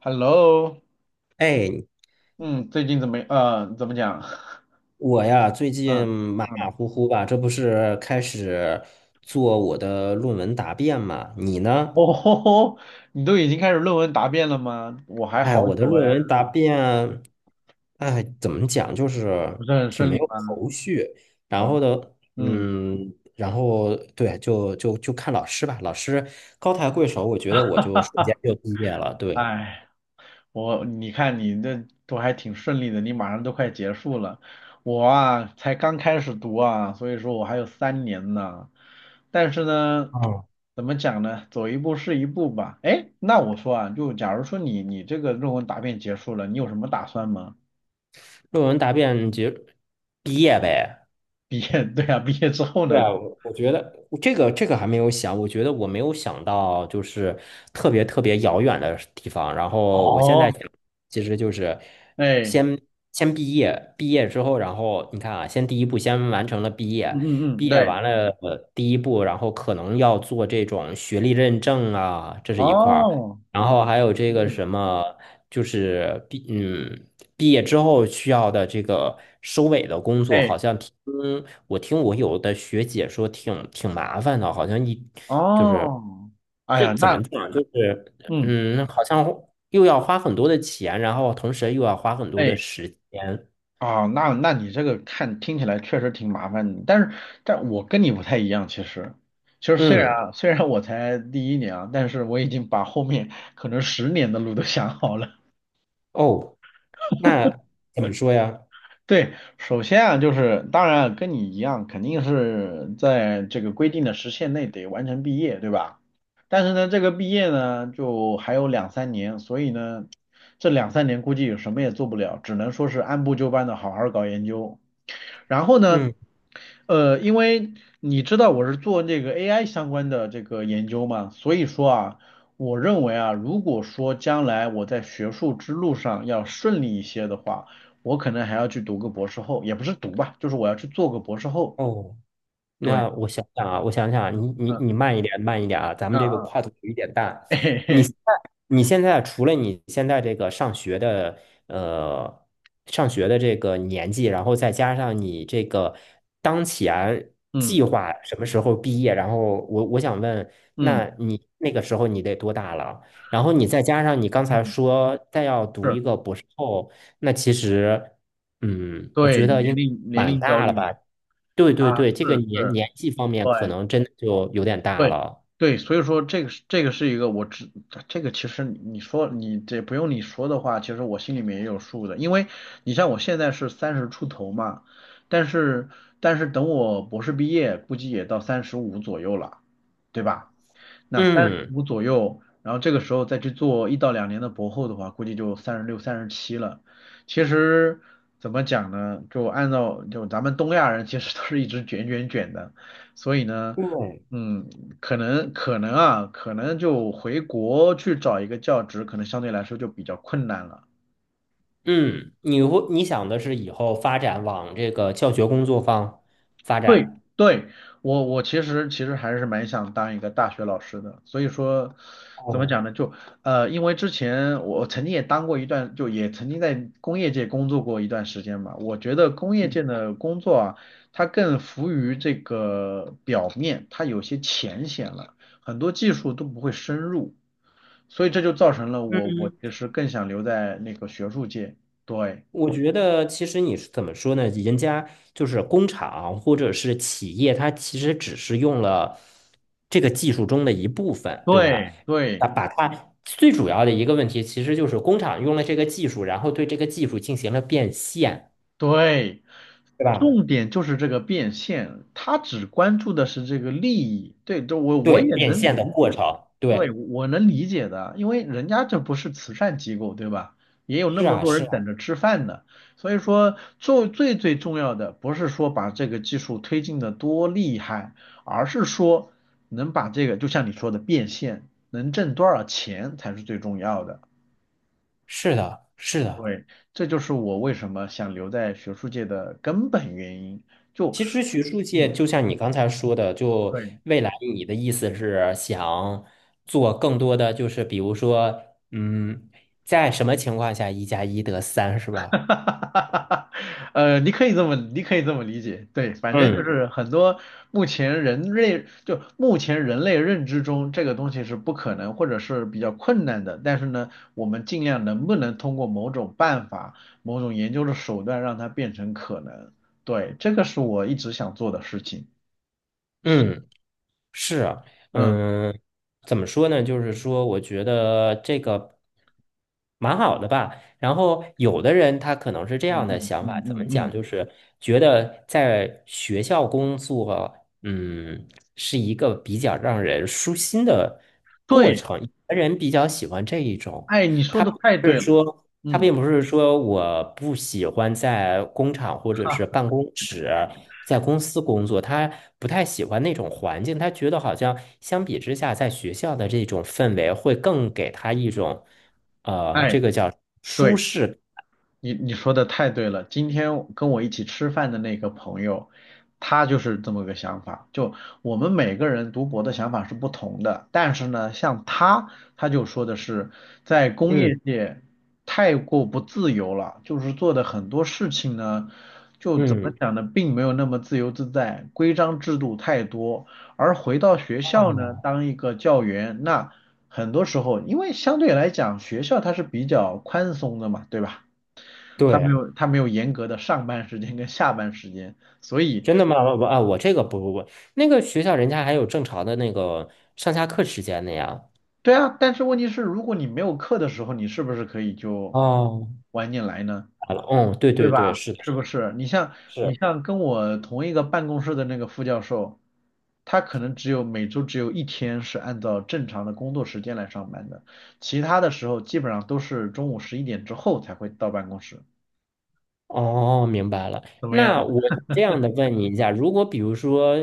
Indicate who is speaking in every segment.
Speaker 1: Hello，
Speaker 2: 哎，
Speaker 1: 嗯，最近怎么，怎么讲？
Speaker 2: 我呀，最近
Speaker 1: 嗯
Speaker 2: 马马
Speaker 1: 嗯，
Speaker 2: 虎虎吧，这不是开始做我的论文答辩嘛？你呢？
Speaker 1: 哦吼吼，你都已经开始论文答辩了吗？我还
Speaker 2: 哎，
Speaker 1: 好
Speaker 2: 我的
Speaker 1: 久哎，
Speaker 2: 论文答辩，哎，怎么讲，就
Speaker 1: 不
Speaker 2: 是
Speaker 1: 是很
Speaker 2: 挺
Speaker 1: 顺
Speaker 2: 没
Speaker 1: 利
Speaker 2: 有，
Speaker 1: 吗？
Speaker 2: 然
Speaker 1: 哦，
Speaker 2: 后的，
Speaker 1: 嗯，
Speaker 2: 然后对，就看老师吧，老师高抬贵手，我觉得我就瞬间就毕业了，对，
Speaker 1: 哎，我你这都还挺顺利的，你马上都快结束了，我啊才刚开始读啊，所以说我还有三年呢。但是呢，
Speaker 2: 嗯，
Speaker 1: 怎么讲呢？走一步是一步吧。哎，那我说啊，就假如说你这个论文答辩结束了，你有什么打算吗？
Speaker 2: 论文答辩就毕业呗。
Speaker 1: 毕业，对啊，毕业之后
Speaker 2: 对
Speaker 1: 呢？
Speaker 2: 啊，我觉得这个还没有想，我觉得我没有想到就是特别特别遥远的地方。然后我现在
Speaker 1: 哦，
Speaker 2: 想，其实就是
Speaker 1: 哎，
Speaker 2: 先先毕业，毕业之后，然后你看啊，先第一步先完成了毕业，
Speaker 1: 嗯嗯
Speaker 2: 毕
Speaker 1: 嗯，
Speaker 2: 业
Speaker 1: 对，
Speaker 2: 完了第一步，然后可能要做这种学历认证啊，这是一块儿。
Speaker 1: 哦，
Speaker 2: 然后还有
Speaker 1: 嗯
Speaker 2: 这个
Speaker 1: 嗯，
Speaker 2: 什么，就是毕嗯毕业之后需要的这个收尾的工作，
Speaker 1: 哎，
Speaker 2: 好像听。我听我有的学姐说挺麻烦的，好像一就是
Speaker 1: 哦，哎
Speaker 2: 这
Speaker 1: 呀，
Speaker 2: 怎
Speaker 1: 那，
Speaker 2: 么讲，
Speaker 1: 嗯，
Speaker 2: 好像又要花很多的钱，然后同时又要花很多的
Speaker 1: 哎，
Speaker 2: 时间。
Speaker 1: 啊，那你这个看听起来确实挺麻烦的，但是但我跟你不太一样，其实，其实虽然
Speaker 2: 嗯，
Speaker 1: 啊虽然我才第一年啊，但是我已经把后面可能十年的路都想好了。
Speaker 2: 哦，那怎么说呀？
Speaker 1: 对，首先啊，就是当然啊跟你一样，肯定是在这个规定的时限内得完成毕业，对吧？但是呢，这个毕业呢，就还有两三年，所以呢，这两三年估计什么也做不了，只能说是按部就班的好好搞研究。然后呢，
Speaker 2: 嗯，
Speaker 1: 因为你知道我是做那个 AI 相关的这个研究嘛，所以说啊，我认为啊，如果说将来我在学术之路上要顺利一些的话，我可能还要去读个博士后，也不是读吧，就是我要去做个博士后。
Speaker 2: 哦。
Speaker 1: 对，
Speaker 2: 那我想想啊，我想想啊你你
Speaker 1: 嗯
Speaker 2: 你慢一点，慢一点啊，咱们
Speaker 1: 啊
Speaker 2: 这个
Speaker 1: 啊，
Speaker 2: 跨度有一点大。
Speaker 1: 嘿
Speaker 2: 你
Speaker 1: 嘿，
Speaker 2: 现在你现在除了你现在这个上学的呃上学的这个年纪，然后再加上你这个当前计
Speaker 1: 嗯
Speaker 2: 划什么时候毕业，然后我想问，
Speaker 1: 嗯
Speaker 2: 那你那个时候你得多大了？然后你再加上你刚才
Speaker 1: 嗯，
Speaker 2: 说再要读
Speaker 1: 是，
Speaker 2: 一个博士后，那其实嗯，我觉
Speaker 1: 对，
Speaker 2: 得
Speaker 1: 年
Speaker 2: 应
Speaker 1: 龄年
Speaker 2: 蛮
Speaker 1: 龄焦
Speaker 2: 大了
Speaker 1: 虑
Speaker 2: 吧？对对
Speaker 1: 啊，
Speaker 2: 对，这个
Speaker 1: 是是，
Speaker 2: 年纪方面可
Speaker 1: 对。
Speaker 2: 能真的就有点大
Speaker 1: 对
Speaker 2: 了。
Speaker 1: 对，所以说这个是一个我知这个其实你说你这不用你说的话，其实我心里面也有数的，因为你像我现在是三十出头嘛，但是等我博士毕业，估计也到三十五左右了，对吧？那三十
Speaker 2: 嗯
Speaker 1: 五左右，然后这个时候再去做一到两年的博后的话，估计就三十六、三十七了。其实怎么讲呢？就按照就咱们东亚人其实都是一直卷的，所以呢，
Speaker 2: 对，
Speaker 1: 嗯，可能就回国去找一个教职，可能相对来说就比较困难了。
Speaker 2: 嗯，你会你想的是以后发展往这个教学工作方发
Speaker 1: 对
Speaker 2: 展？
Speaker 1: 对，我其实还是蛮想当一个大学老师的，所以说怎么
Speaker 2: 哦，
Speaker 1: 讲呢？就因为之前我曾经也当过一段，就也曾经在工业界工作过一段时间嘛。我觉得工业
Speaker 2: 嗯
Speaker 1: 界的工作啊，它更浮于这个表面，它有些浅显了，很多技术都不会深入，所以这就造成了我
Speaker 2: 嗯，
Speaker 1: 其实更想留在那个学术界。对
Speaker 2: 我觉得其实你是怎么说呢？人家就是工厂或者是企业，它其实只是用了这个技术中的一部分，对吧？
Speaker 1: 对对。
Speaker 2: 啊，把它最主要的一个问题，其实就是工厂用了这个技术，然后对这个技术进行了变现，
Speaker 1: 对，
Speaker 2: 对吧？
Speaker 1: 重点就是这个变现，他只关注的是这个利益。对，这我
Speaker 2: 对，
Speaker 1: 也
Speaker 2: 变
Speaker 1: 能
Speaker 2: 现的
Speaker 1: 理
Speaker 2: 过
Speaker 1: 解，
Speaker 2: 程，
Speaker 1: 对，
Speaker 2: 对，
Speaker 1: 我能理解的，因为人家这不是慈善机构，对吧？也有那
Speaker 2: 是
Speaker 1: 么
Speaker 2: 啊，
Speaker 1: 多
Speaker 2: 是
Speaker 1: 人
Speaker 2: 啊，
Speaker 1: 等着吃饭呢。所以说，做最重要的不是说把这个技术推进的多厉害，而是说能把这个，就像你说的变现，能挣多少钱才是最重要的。
Speaker 2: 是的，是的。
Speaker 1: 对，这就是我为什么想留在学术界的根本原因。就，
Speaker 2: 其实学术界
Speaker 1: 嗯，
Speaker 2: 就像你刚才说的，就
Speaker 1: 对，
Speaker 2: 未来你的意思是想做更多的，就是比如说，嗯，在什么情况下一加一得三 是
Speaker 1: 哈
Speaker 2: 吧？
Speaker 1: 哈哈你可以这么理解。对，反正就
Speaker 2: 嗯
Speaker 1: 是很多目前人类认知中，这个东西是不可能或者是比较困难的。但是呢，我们尽量能不能通过某种办法、某种研究的手段，让它变成可能。对，这个是我一直想做的事情。
Speaker 2: 嗯。是啊，
Speaker 1: 嗯
Speaker 2: 嗯，怎么说呢？就是说，我觉得这个蛮好的吧。然后，有的人他可能是这
Speaker 1: 嗯
Speaker 2: 样的
Speaker 1: 嗯
Speaker 2: 想法，
Speaker 1: 嗯
Speaker 2: 怎么
Speaker 1: 嗯
Speaker 2: 讲？
Speaker 1: 嗯，
Speaker 2: 就是觉得在学校工作，嗯，是一个比较让人舒心的过
Speaker 1: 对。
Speaker 2: 程。有的人比较喜欢这一种，
Speaker 1: 哎，你说
Speaker 2: 他
Speaker 1: 的
Speaker 2: 不
Speaker 1: 太对
Speaker 2: 是
Speaker 1: 了，
Speaker 2: 说。他
Speaker 1: 嗯，
Speaker 2: 并不是说我不喜欢在工厂或者是
Speaker 1: 哈，
Speaker 2: 办公室，在公司工作，他不太喜欢那种环境，他觉得好像相比之下，在学校的这种氛围会更给他一种，
Speaker 1: 哎，
Speaker 2: 这个叫舒
Speaker 1: 对，
Speaker 2: 适。
Speaker 1: 你你说的太对了，今天跟我一起吃饭的那个朋友，他就是这么个想法。就我们每个人读博的想法是不同的，但是呢，像他，他就说的是在工
Speaker 2: 嗯
Speaker 1: 业界太过不自由了，就是做的很多事情呢，就怎么
Speaker 2: 嗯，
Speaker 1: 讲呢，并没有那么自由自在，规章制度太多。而回到学校呢，
Speaker 2: 哦，
Speaker 1: 当一个教员，那很多时候，因为相对来讲，学校它是比较宽松的嘛，对吧？
Speaker 2: 对，
Speaker 1: 他没有严格的上班时间跟下班时间，所以
Speaker 2: 真的吗？我啊，我这个不，那个学校人家还有正常的那个上下课时间的呀。
Speaker 1: 对啊，但是问题是，如果你没有课的时候，你是不是可以就
Speaker 2: 哦，
Speaker 1: 晚点来呢？
Speaker 2: 好了嗯，对
Speaker 1: 对
Speaker 2: 对对，
Speaker 1: 吧？
Speaker 2: 是的，
Speaker 1: 是不是？你
Speaker 2: 是。
Speaker 1: 像跟我同一个办公室的那个副教授，他可能每周只有一天是按照正常的工作时间来上班的，其他的时候基本上都是中午十一点之后才会到办公室。
Speaker 2: 哦，明白了。
Speaker 1: 怎么样？
Speaker 2: 那我这样的问你一下，如果比如说，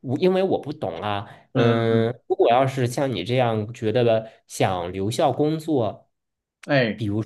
Speaker 2: 我因为我不懂啊，
Speaker 1: 嗯嗯，嗯
Speaker 2: 嗯，如果要是像你这样觉得的，想留校工作，
Speaker 1: 哎，
Speaker 2: 比如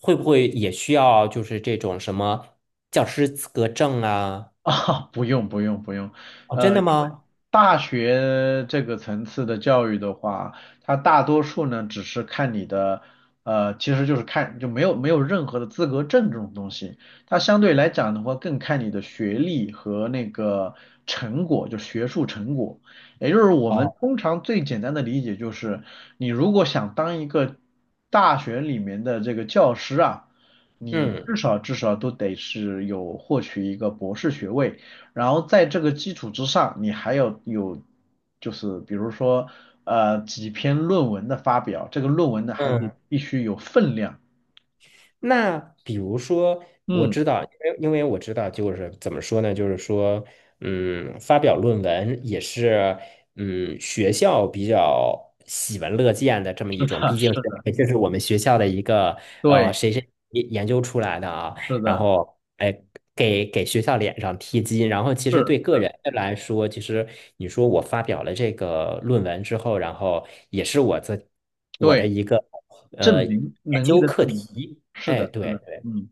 Speaker 2: 会不会也需要就是这种什么教师资格证啊？
Speaker 1: 啊，不用，
Speaker 2: 哦，真的
Speaker 1: 因为
Speaker 2: 吗？
Speaker 1: 大学这个层次的教育的话，它大多数呢只是看你的，呃，其实就是看就没有任何的资格证这种东西，它相对来讲的话更看你的学历和那个成果，就学术成果。也就是我们
Speaker 2: 哦，
Speaker 1: 通常最简单的理解就是，你如果想当一个大学里面的这个教师啊，你
Speaker 2: 嗯
Speaker 1: 至少都得是有获取一个博士学位，然后在这个基础之上，你还要有就是比如说几篇论文的发表，这个论文呢还得
Speaker 2: 嗯。
Speaker 1: 必须有分量。
Speaker 2: 那比如说，我
Speaker 1: 嗯，
Speaker 2: 知道，因为我知道，就是怎么说呢？就是说，嗯，发表论文也是，嗯，学校比较喜闻乐见的这么
Speaker 1: 是
Speaker 2: 一种，
Speaker 1: 的，
Speaker 2: 毕
Speaker 1: 是
Speaker 2: 竟是
Speaker 1: 的，
Speaker 2: 这是我们学校的一个
Speaker 1: 对，
Speaker 2: 谁谁研究出来的啊，
Speaker 1: 是
Speaker 2: 然
Speaker 1: 的，
Speaker 2: 后哎。给学校脸上贴金，然后其实
Speaker 1: 是，
Speaker 2: 对个人来说，其实你说我发表了这个论文之后，然后也是我的
Speaker 1: 对，
Speaker 2: 一个
Speaker 1: 证明
Speaker 2: 研
Speaker 1: 能力
Speaker 2: 究
Speaker 1: 的
Speaker 2: 课
Speaker 1: 证明，
Speaker 2: 题，
Speaker 1: 是
Speaker 2: 哎，
Speaker 1: 的，是
Speaker 2: 对
Speaker 1: 的，
Speaker 2: 对，
Speaker 1: 嗯。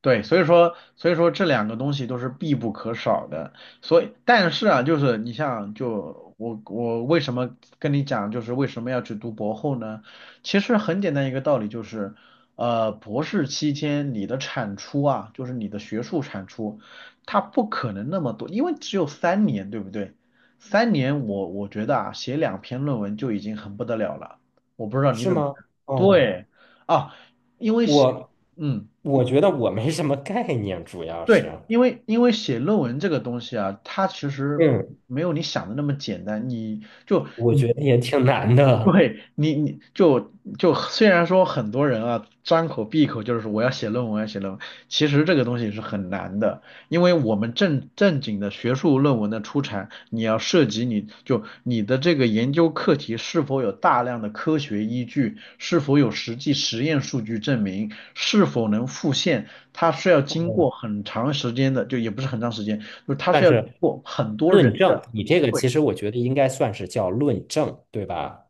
Speaker 1: 对，所以说这两个东西都是必不可少的。所以，但是啊，就是你像，就我为什么跟你讲，就是为什么要去读博后呢？其实很简单一个道理，就是，呃，博士期间你的产出啊，就是你的学术产出，它不可能那么多，因为只有三年，对不对？三年我觉得啊，写两篇论文就已经很不得了了。我不知道你
Speaker 2: 是
Speaker 1: 怎么
Speaker 2: 吗？
Speaker 1: 看，
Speaker 2: 哦，
Speaker 1: 对啊，因为写，
Speaker 2: 我
Speaker 1: 嗯。
Speaker 2: 我觉得我没什么概念，主要
Speaker 1: 对，
Speaker 2: 是，
Speaker 1: 因为写论文这个东西啊，它其实
Speaker 2: 嗯，
Speaker 1: 没有你想的那么简单。你就
Speaker 2: 我
Speaker 1: 你
Speaker 2: 觉得也挺难的。
Speaker 1: 对你你就就虽然说很多人啊张口闭口就是说我要写论文，我要写论文，其实这个东西是很难的。因为我们正经的学术论文的出产，你要涉及你的这个研究课题是否有大量的科学依据，是否有实际实验数据证明，是否能复现，它是要经过
Speaker 2: 哦，
Speaker 1: 很长时间的，就也不是很长时间，就是它是
Speaker 2: 但
Speaker 1: 要经
Speaker 2: 是
Speaker 1: 过很多人
Speaker 2: 论证，
Speaker 1: 的，
Speaker 2: 你这个
Speaker 1: 对，
Speaker 2: 其实我觉得应该算是叫论证，对吧？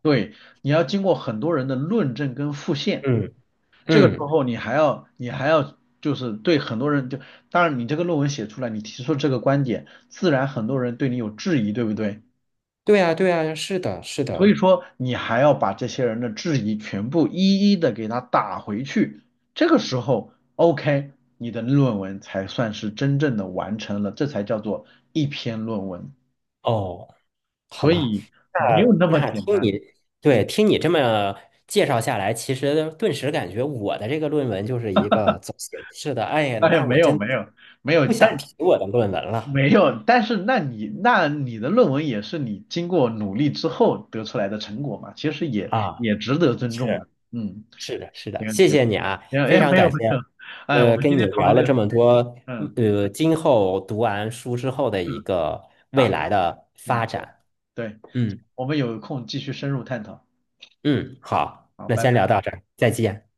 Speaker 1: 你要经过很多人的论证跟复现。
Speaker 2: 嗯
Speaker 1: 这个时
Speaker 2: 嗯，
Speaker 1: 候你还要就是对很多人就，当然你这个论文写出来，你提出这个观点，自然很多人对你有质疑，对不对？
Speaker 2: 对啊对啊，是的，是
Speaker 1: 所以
Speaker 2: 的，
Speaker 1: 说你还要把这些人的质疑全部一一的给他打回去，这个时候 OK，你的论文才算是真正的完成了，这才叫做一篇论文。
Speaker 2: 哦，好
Speaker 1: 所
Speaker 2: 吧。
Speaker 1: 以没有
Speaker 2: 那
Speaker 1: 那么
Speaker 2: 那
Speaker 1: 简
Speaker 2: 听
Speaker 1: 单，
Speaker 2: 你
Speaker 1: 嗯，
Speaker 2: 对听你这么介绍下来，其实顿时感觉我的这个论文就是一个走形式的。哎呀，
Speaker 1: 哎，
Speaker 2: 那我真
Speaker 1: 没有，
Speaker 2: 不想提我的论文了
Speaker 1: 没有，但是那你的论文也是你经过努力之后得出来的成果嘛，其实
Speaker 2: 啊！
Speaker 1: 也值得尊重
Speaker 2: 是
Speaker 1: 的。嗯，
Speaker 2: 是的，是的，
Speaker 1: 行
Speaker 2: 谢
Speaker 1: 行
Speaker 2: 谢你啊，
Speaker 1: 行，
Speaker 2: 非
Speaker 1: 哎，
Speaker 2: 常感
Speaker 1: 没
Speaker 2: 谢。
Speaker 1: 有，哎，我们今
Speaker 2: 跟你
Speaker 1: 天讨
Speaker 2: 聊
Speaker 1: 论这
Speaker 2: 了
Speaker 1: 个
Speaker 2: 这
Speaker 1: 很，
Speaker 2: 么多，
Speaker 1: 嗯，
Speaker 2: 今后读完书之后的一
Speaker 1: 是
Speaker 2: 个未
Speaker 1: 打，
Speaker 2: 来的
Speaker 1: 嗯，
Speaker 2: 发展。
Speaker 1: 对，
Speaker 2: 嗯
Speaker 1: 我们有空继续深入探讨。
Speaker 2: 嗯，好，
Speaker 1: 好，
Speaker 2: 那
Speaker 1: 拜
Speaker 2: 先聊
Speaker 1: 拜。
Speaker 2: 到这儿，再见。